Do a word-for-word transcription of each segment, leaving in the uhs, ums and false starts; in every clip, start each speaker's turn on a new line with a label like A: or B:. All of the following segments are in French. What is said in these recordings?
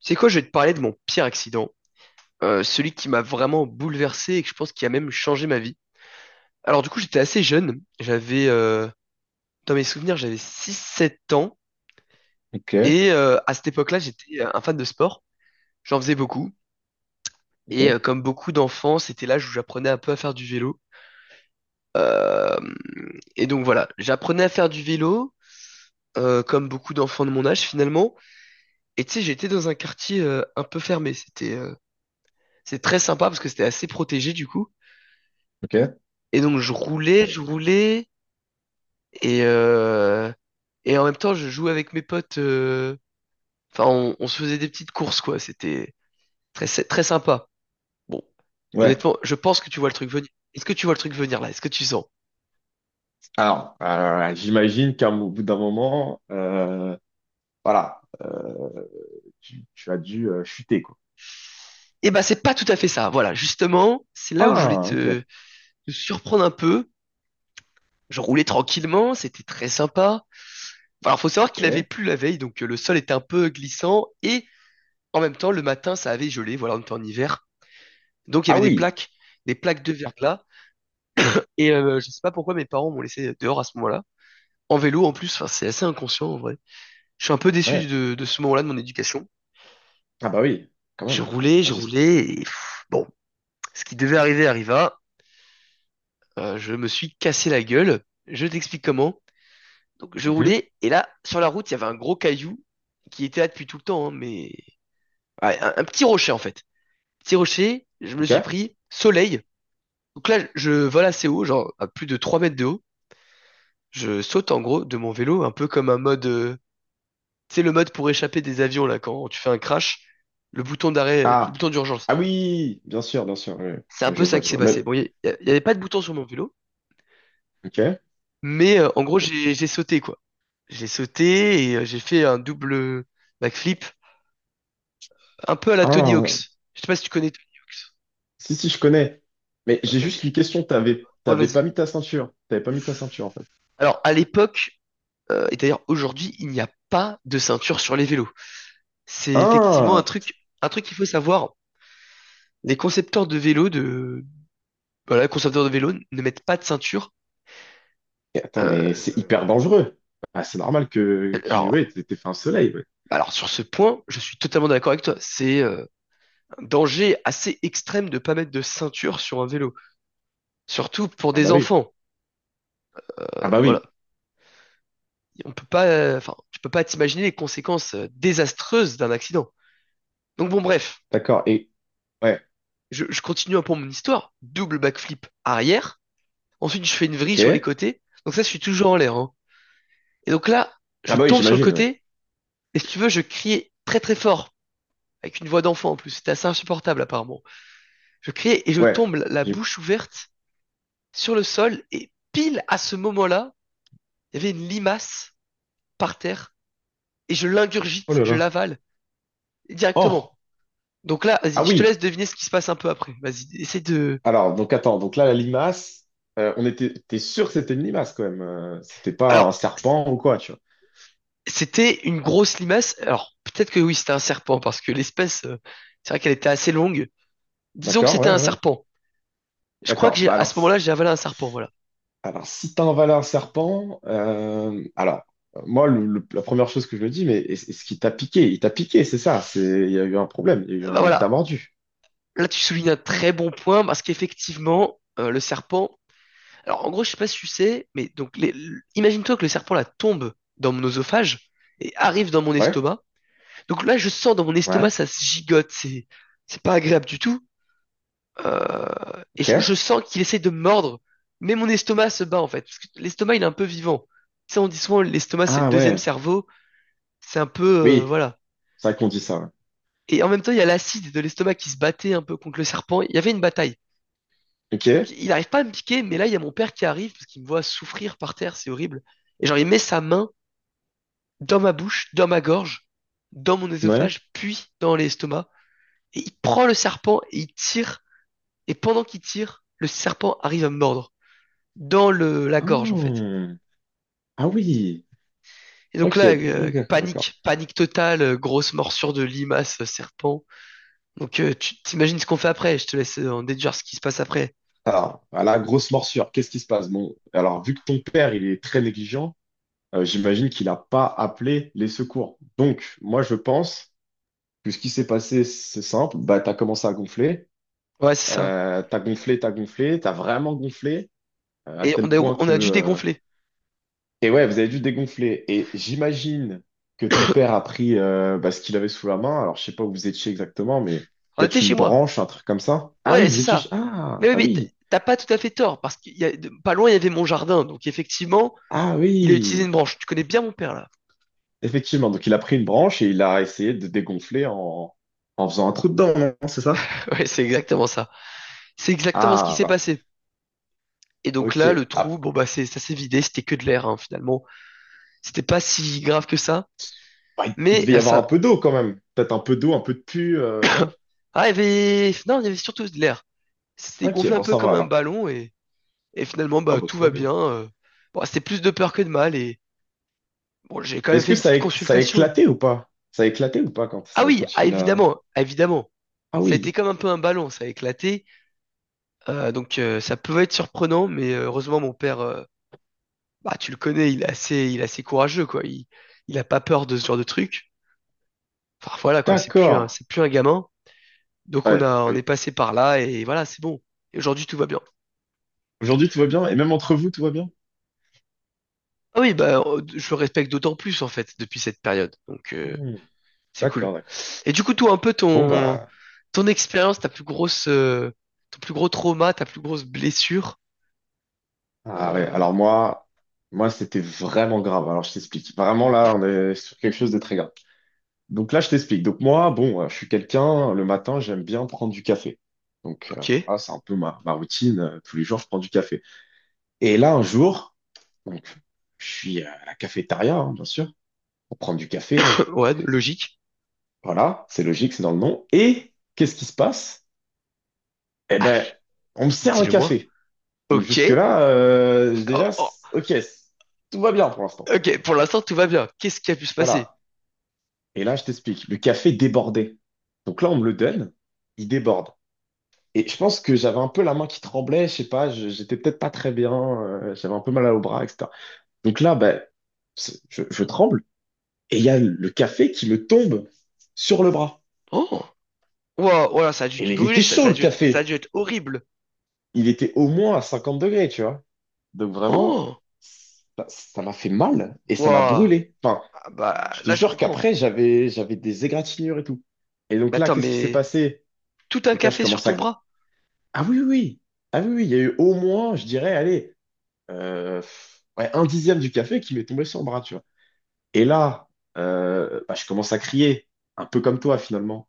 A: C'est quoi, je vais te parler de mon pire accident, euh, celui qui m'a vraiment bouleversé et que je pense qui a même changé ma vie. Alors du coup, j'étais assez jeune, j'avais, euh, dans mes souvenirs, j'avais six, sept ans,
B: Ok,
A: et euh, à cette époque-là, j'étais euh, un fan de sport, j'en faisais beaucoup,
B: ok,
A: et euh, comme beaucoup d'enfants, c'était l'âge où j'apprenais un peu à faire du vélo. Euh, et donc voilà, j'apprenais à faire du vélo, euh, comme beaucoup d'enfants de mon âge finalement, et tu sais, j'étais dans un quartier euh, un peu fermé, c'était euh, c'est très sympa parce que c'était assez protégé du coup,
B: ok.
A: et donc je roulais, je roulais. Et, euh, et en même temps, je jouais avec mes potes. euh, Enfin, on, on se faisait des petites courses, quoi. C'était très, sy- très sympa. Bon,
B: Ouais.
A: honnêtement, je pense que tu vois le truc venir. Est-ce que tu vois le truc venir là? Est-ce que tu sens?
B: Alors, euh, j'imagine qu'à un- au bout d'un moment, euh, voilà, euh, tu, tu as dû euh, chuter, quoi.
A: Eh ben, c'est pas tout à fait ça. Voilà, justement, c'est là où je voulais
B: Ah, ok,
A: te, te surprendre un peu. Je roulais tranquillement, c'était très sympa. Alors, faut savoir qu'il avait
B: ok.
A: plu la veille, donc euh, le sol était un peu glissant et en même temps, le matin, ça avait gelé. Voilà, on était en hiver, donc il y
B: Ah
A: avait des
B: oui,
A: plaques, des plaques de verglas. Et euh, je sais pas pourquoi mes parents m'ont laissé dehors à ce moment-là. En vélo en plus, enfin, c'est assez inconscient en vrai. Je suis un peu déçu
B: ouais.
A: de, de ce moment-là de mon éducation.
B: Ah bah oui, quand
A: J'ai
B: même.
A: roulé, j'ai
B: J'espère.
A: roulé, et pff, bon, ce qui devait arriver arriva. Euh, je me suis cassé la gueule. Je t'explique comment. Donc je roulais, et là, sur la route, il y avait un gros caillou qui était là depuis tout le temps, hein, mais ouais, un, un petit rocher en fait. Petit rocher, je me le
B: Ok.
A: suis pris soleil. Donc là, je vole assez haut, genre à plus de trois mètres de haut. Je saute en gros de mon vélo, un peu comme un mode euh, c'est le mode pour échapper des avions là quand tu fais un crash, le bouton d'arrêt, euh, le
B: Ah.
A: bouton d'urgence.
B: Ah oui, bien sûr, bien sûr. Oui.
A: C'est un
B: Ah,
A: peu
B: je
A: ça
B: vois,
A: qui
B: je
A: s'est
B: vois. Même.
A: passé. Bon, il y, a- y avait pas de bouton sur mon vélo,
B: Ok.
A: mais euh, en gros j'ai j'ai sauté quoi. J'ai sauté et euh, j'ai fait un double backflip, un peu à la Tony
B: Ah,
A: Hawk's. Je sais pas si tu connais.
B: si, si, je connais. Mais j'ai
A: Ok,
B: juste
A: ok.
B: une question. T'avais,
A: Ouais,
B: t'avais
A: vas-y.
B: pas mis ta ceinture. T'avais pas mis ta ceinture, en fait.
A: Alors à l'époque euh, et d'ailleurs aujourd'hui, il n'y a pas de ceinture sur les vélos. C'est effectivement un
B: Ah.
A: truc, un truc qu'il faut savoir. Les concepteurs de vélos de Voilà, les concepteurs de vélos ne mettent pas de ceinture.
B: Et attends, mais c'est
A: Euh,
B: hyper dangereux. Ah, c'est normal que, que
A: alors,
B: ouais, t'es t'es fait un soleil. Ouais.
A: Alors sur ce point, je suis totalement d'accord avec toi. C'est euh, un danger assez extrême de pas mettre de ceinture sur un vélo, surtout pour
B: Ah bah
A: des
B: oui.
A: enfants. Euh,
B: Ah bah
A: voilà,
B: oui.
A: on peut pas, euh, enfin, tu peux pas t'imaginer les conséquences euh, désastreuses d'un accident. Donc bon, bref,
B: D'accord. Et ouais.
A: je, je continue un peu mon histoire. Double backflip arrière. Ensuite, je fais une vrille sur les
B: Ok.
A: côtés. Donc ça, je suis toujours en l'air, hein. Et donc là, je
B: Ah bah oui,
A: tombe sur le
B: j'imagine. Ouais.
A: côté. Et si tu veux, je criais très très fort avec une voix d'enfant en plus. C'était assez insupportable apparemment. Je criais et je
B: Ouais.
A: tombe la
B: J'ai-
A: bouche ouverte sur le sol et pile à ce moment-là, il y avait une limace par terre et je
B: Oh
A: l'ingurgite,
B: là
A: je
B: là.
A: l'avale directement.
B: Oh.
A: Donc là,
B: Ah
A: vas-y, je te
B: oui.
A: laisse deviner ce qui se passe un peu après. Vas-y, essaie de.
B: Alors donc attends. Donc là la limace. euh, on était. T'es sûr que c'était une limace quand même. euh, c'était pas un
A: Alors,
B: serpent ou quoi, tu vois.
A: c'était une grosse limace. Alors, peut-être que oui, c'était un serpent parce que l'espèce, euh, c'est vrai qu'elle était assez longue. Disons que
B: D'accord.
A: c'était
B: Ouais.
A: un
B: Ouais.
A: serpent. Je crois que
B: D'accord.
A: j'ai,
B: Bah
A: à
B: alors.
A: ce moment-là, j'ai avalé un serpent. Voilà.
B: Alors, si t'as un un serpent, euh, alors, euh, moi, le- le- la première chose que je me dis, mais est- est-ce qu'il t'a piqué? Il t'a piqué, c'est ça. C'est, il y a eu un problème. Il y a eu
A: Euh, Bah
B: un, il t'a
A: voilà.
B: mordu.
A: Là, tu soulignes un très bon point parce qu'effectivement, euh, le serpent. Alors, en gros, je sais pas si tu sais, mais donc, les- l- imagine-toi que le serpent là tombe dans mon oesophage et arrive dans mon
B: Ouais,
A: estomac. Donc là, je sens dans mon estomac,
B: ouais,
A: ça se gigote, c'est, c'est pas agréable du tout. Euh, et je, je
B: ok.
A: sens qu'il essaie de me mordre, mais mon estomac se bat en fait, parce que l'estomac il est un peu vivant. Tu sais, on dit souvent l'estomac c'est le
B: Ah
A: deuxième
B: ouais,
A: cerveau, c'est un peu, euh,
B: oui,
A: voilà.
B: c'est vrai qu'on dit ça. Ouais.
A: Et en même temps, il y a l'acide de l'estomac qui se battait un peu contre le serpent. Il y avait une bataille.
B: Ok,
A: Donc, il n'arrive pas à me piquer, mais là, il y a mon père qui arrive parce qu'il me voit souffrir par terre, c'est horrible. Et genre, il met sa main dans ma bouche, dans ma gorge, dans mon
B: ouais.
A: œsophage, puis dans l'estomac. Et il prend le serpent et il tire. Et pendant qu'il tire, le serpent arrive à me mordre dans le, la gorge en fait.
B: Hmm. Ah oui,
A: Et donc
B: ok,
A: là, euh,
B: d'accord, d'accord.
A: panique, panique totale, euh, grosse morsure de limace, euh, serpent. Donc euh, tu t'imagines ce qu'on fait après, je te laisse euh, en déduire ce qui se passe après.
B: Alors, à la grosse morsure, qu'est-ce qui se passe? Bon, alors, vu que ton père, il est très négligent, euh, j'imagine qu'il n'a pas appelé les secours. Donc, moi, je pense. Que ce qui s'est passé, c'est simple, bah, tu as commencé à gonfler,
A: Ouais, c'est ça.
B: euh, tu as gonflé, tu as gonflé, tu as vraiment gonflé, euh, à
A: Et on
B: tel
A: a,
B: point
A: on
B: que...
A: a dû
B: euh,
A: dégonfler.
B: Et ouais, vous avez dû dégonfler. Et j'imagine que ton père a pris euh, bah, ce qu'il avait sous la main, alors je sais pas où vous étiez exactement, mais
A: On
B: peut-être
A: était chez
B: une
A: moi.
B: branche, un truc comme ça. Ah
A: Ouais,
B: oui, vous
A: c'est
B: étiez...
A: ça. Mais
B: Ah,
A: oui,
B: ah
A: mais t-
B: oui,
A: t'as pas tout à fait tort, parce qu'il y a, de- pas loin, il y avait mon jardin. Donc effectivement,
B: ah
A: il a utilisé une
B: oui,
A: branche. Tu connais bien mon père là.
B: effectivement. Donc il a pris une branche et il a essayé de dégonfler en, en faisant un trou dedans, non, c'est ça?
A: Ouais, c'est exactement ça. C'est exactement ce qui
B: Ah,
A: s'est
B: voilà.
A: passé. Et donc là, le
B: Ok.
A: trou,
B: Ah,
A: bon bah c'est, ça s'est vidé, c'était que de l'air hein, finalement. C'était pas si grave que ça.
B: bah, il
A: Mais
B: devait y
A: euh,
B: avoir
A: ça,
B: un peu d'eau quand même. Peut-être un peu d'eau, un peu de pu, euh, non?
A: ah, il y avait, non, il y avait surtout de l'air. C'était
B: Ok,
A: gonflé un
B: bon,
A: peu
B: ça va
A: comme un
B: alors.
A: ballon et, et finalement
B: Ah,
A: bah
B: bah,
A: tout
B: tout
A: va
B: va bien.
A: bien. euh. Bon, c'était plus de peur que de mal et bon, j'ai quand
B: Mais
A: même
B: est-ce
A: fait
B: que
A: une
B: ça
A: petite
B: a, ça a
A: consultation.
B: éclaté ou pas? Ça a éclaté ou pas quand,
A: Ah
B: ça-
A: oui,
B: quand
A: ah
B: il l'a.
A: évidemment, ah, évidemment.
B: Ah
A: Ça a été
B: oui,
A: comme un peu un ballon, ça a éclaté. Euh, donc euh, ça pouvait être surprenant, mais euh, heureusement mon père euh, bah, tu le connais, il est assez, il est assez courageux, quoi. Il, il a pas peur de ce genre de truc. Enfin, voilà, quoi. C'est plus
B: d'accord.
A: un, c'est plus un gamin. Donc, on
B: Ouais,
A: a,
B: bah
A: on
B: oui.
A: est passé par là et voilà, c'est bon. Et aujourd'hui, tout va bien.
B: Aujourd'hui, tout va bien? Et même entre vous, tout va bien?
A: Ah oui, bah, euh, je le respecte d'autant plus, en fait, depuis cette période. Donc, euh,
B: Hmm,
A: c'est cool.
B: d'accord, d'accord.
A: Et du coup, toi, un peu
B: Bon,
A: ton,
B: bah.
A: ton expérience, ta plus grosse, euh, ton plus gros trauma, ta plus grosse blessure.
B: Ah ouais,
A: Euh,
B: alors moi, moi, c'était vraiment grave. Alors, je t'explique. Vraiment, là, on est sur quelque chose de très grave. Donc là, je t'explique. Donc moi, bon, euh, je suis quelqu'un, le matin, j'aime bien prendre du café. Donc euh,
A: ok.
B: ah, c'est un peu ma, ma routine. euh, Tous les jours, je prends du café. Et là, un jour, donc, je suis à la cafétéria, hein, bien sûr, pour prendre du café.
A: Ouais, logique.
B: Voilà, c'est logique, c'est dans le nom. Et qu'est-ce qui se passe? Eh
A: Ah,
B: ben, on me sert un
A: dis-le-moi.
B: café. Donc
A: Ok.
B: jusque-là, euh,
A: Oh,
B: déjà,
A: oh.
B: c- ok, c- tout va bien pour l'instant.
A: Ok, pour l'instant, tout va bien. Qu'est-ce qui a pu se passer?
B: Voilà. Et là, je t'explique. Le café débordait. Donc là, on me le donne, il déborde. Et je pense que j'avais un peu la main qui tremblait, je sais pas, je- j'étais peut-être pas très bien, euh, j'avais un peu mal au bras, et cetera. Donc là, ben, c'est- je, je tremble et il y a le café qui me tombe sur le bras.
A: Oh. Ouah, ouah, ça a dû
B: Et
A: te
B: il était
A: brûler, ça, ça
B: chaud
A: a
B: le
A: dû, être- ça a
B: café,
A: dû être horrible.
B: il était au moins à cinquante degrés, tu vois. Donc vraiment,
A: Oh,
B: ça ça m'a fait mal et ça m'a
A: ouah,
B: brûlé. Enfin,
A: ah, bah
B: je te
A: là je
B: jure
A: comprends.
B: qu'après, j'avais, j'avais des égratignures et tout. Et donc
A: Mais
B: là,
A: attends,
B: qu'est-ce qui s'est
A: mais
B: passé?
A: tout un
B: Donc là, je
A: café sur
B: commence
A: ton
B: à...
A: bras,
B: Ah oui, oui, oui. Ah oui, oui, il y a eu au moins, je dirais, allez. euh, ouais, un dixième du café qui m'est tombé sur le bras, tu vois. Et là, euh, bah, je commence à crier, un peu comme toi finalement.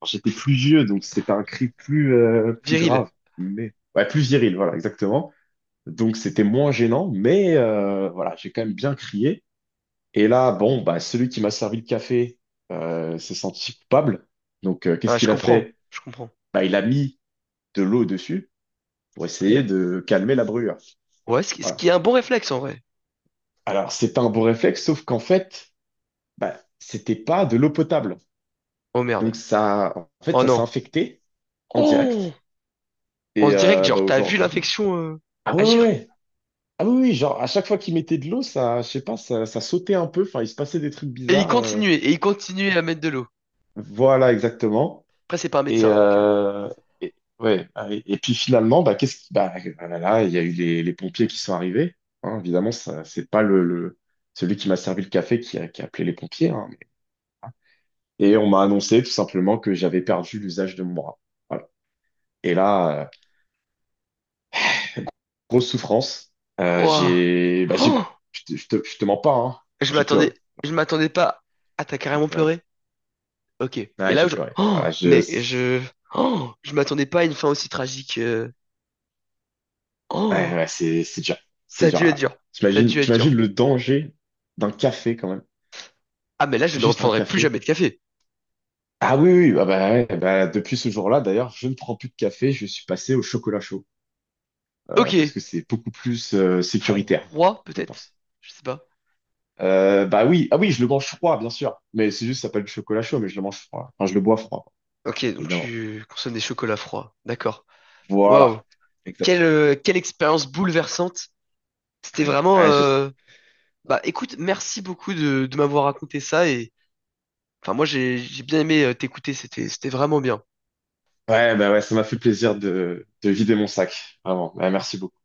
B: Alors, j'étais plus vieux, donc c'était un cri plus, euh, plus
A: viril.
B: grave, mais ouais, plus viril, voilà, exactement. Donc c'était moins gênant, mais euh, voilà, j'ai quand même bien crié. Et là, bon, bah, celui qui m'a servi le café euh, s'est senti coupable. Donc euh,
A: Ah,
B: qu'est-ce
A: je
B: qu'il a
A: comprends,
B: fait?
A: je comprends.
B: Bah, il a mis de l'eau dessus pour essayer de calmer la brûlure.
A: Ouais, ce qui, ce
B: Voilà.
A: qui est un bon réflexe en vrai.
B: Alors c'est un bon réflexe, sauf qu'en fait, bah, c'était pas de l'eau potable.
A: Oh
B: Donc
A: merde.
B: ça, en fait,
A: Oh
B: ça s'est
A: non.
B: infecté en
A: Oh,
B: direct.
A: on
B: Et
A: se dirait que
B: euh, bah,
A: genre t'as vu
B: aujourd'hui,
A: l'infection euh,
B: ah ouais, ouais,
A: agir.
B: ouais. Ah oui, oui, genre à chaque fois qu'il mettait de l'eau, ça, je sais pas, ça, ça sautait un peu. Enfin, il se passait des trucs
A: Et il
B: bizarres. Euh.
A: continuait, et il continuait à mettre de l'eau.
B: Voilà, exactement.
A: Après c'est pas un
B: Et,
A: médecin donc. euh,
B: euh, et- ouais. Ah, Et, et puis finalement, bah qu'est-ce qui, bah ah là, là, il y a eu les, les pompiers qui sont arrivés. Hein, évidemment, ça, c'est pas le, le- celui qui m'a servi le café qui a, qui a appelé les pompiers. Hein. Et on m'a annoncé tout simplement que j'avais perdu l'usage de mon bras. Voilà. Et là, euh, grosse souffrance. Euh,
A: Ouah.
B: j'ai, bah, j'ai,
A: Oh
B: je te, je te, je te mens pas, hein.
A: je
B: J'ai
A: m'attendais,
B: pleuré.
A: je m'attendais pas. Ah, t'as
B: J'ai
A: carrément
B: pleuré.
A: pleuré? Ok. Et
B: Ouais,
A: là,
B: j'ai
A: je...
B: pleuré.
A: Oh,
B: Voilà, je,
A: mais je... Oh, je m'attendais pas à une fin aussi tragique. euh.
B: ouais,
A: Oh,
B: ouais, c'est, c'est dur. C'est
A: ça a
B: dur.
A: dû être
B: Ouais.
A: dur. Ça a
B: T'imagines,
A: dû être
B: t'imagines
A: dur.
B: le danger d'un café quand même.
A: Ah, mais là, je ne
B: Juste un
A: reprendrai plus
B: café.
A: jamais de café.
B: Ah oui, oui, bah, bah, ouais, bah, depuis ce jour-là, d'ailleurs, je ne prends plus de café. Je suis passé au chocolat chaud. Euh,
A: Ok.
B: parce que c'est beaucoup plus, euh, sécuritaire,
A: Froid,
B: je
A: peut-être?
B: pense.
A: Je sais pas.
B: Euh, bah oui, ah oui, je le mange froid, bien sûr. Mais c'est juste, ça s'appelle du chocolat chaud, mais je le mange froid. Enfin, je le bois froid,
A: Ok, donc
B: évidemment.
A: tu consommes des chocolats froids. D'accord. Waouh.
B: Voilà,
A: Quelle,
B: exact.
A: euh, quelle expérience bouleversante. C'était
B: Ouais,
A: vraiment...
B: ouais, je sais.
A: euh, Bah écoute, merci beaucoup de, de m'avoir raconté ça et... Enfin, moi, j'ai j'ai bien aimé euh, t'écouter. C'était, c'était vraiment bien.
B: Ouais, bah ouais, ça m'a fait plaisir de, de vider mon sac. Vraiment. Ouais, merci beaucoup.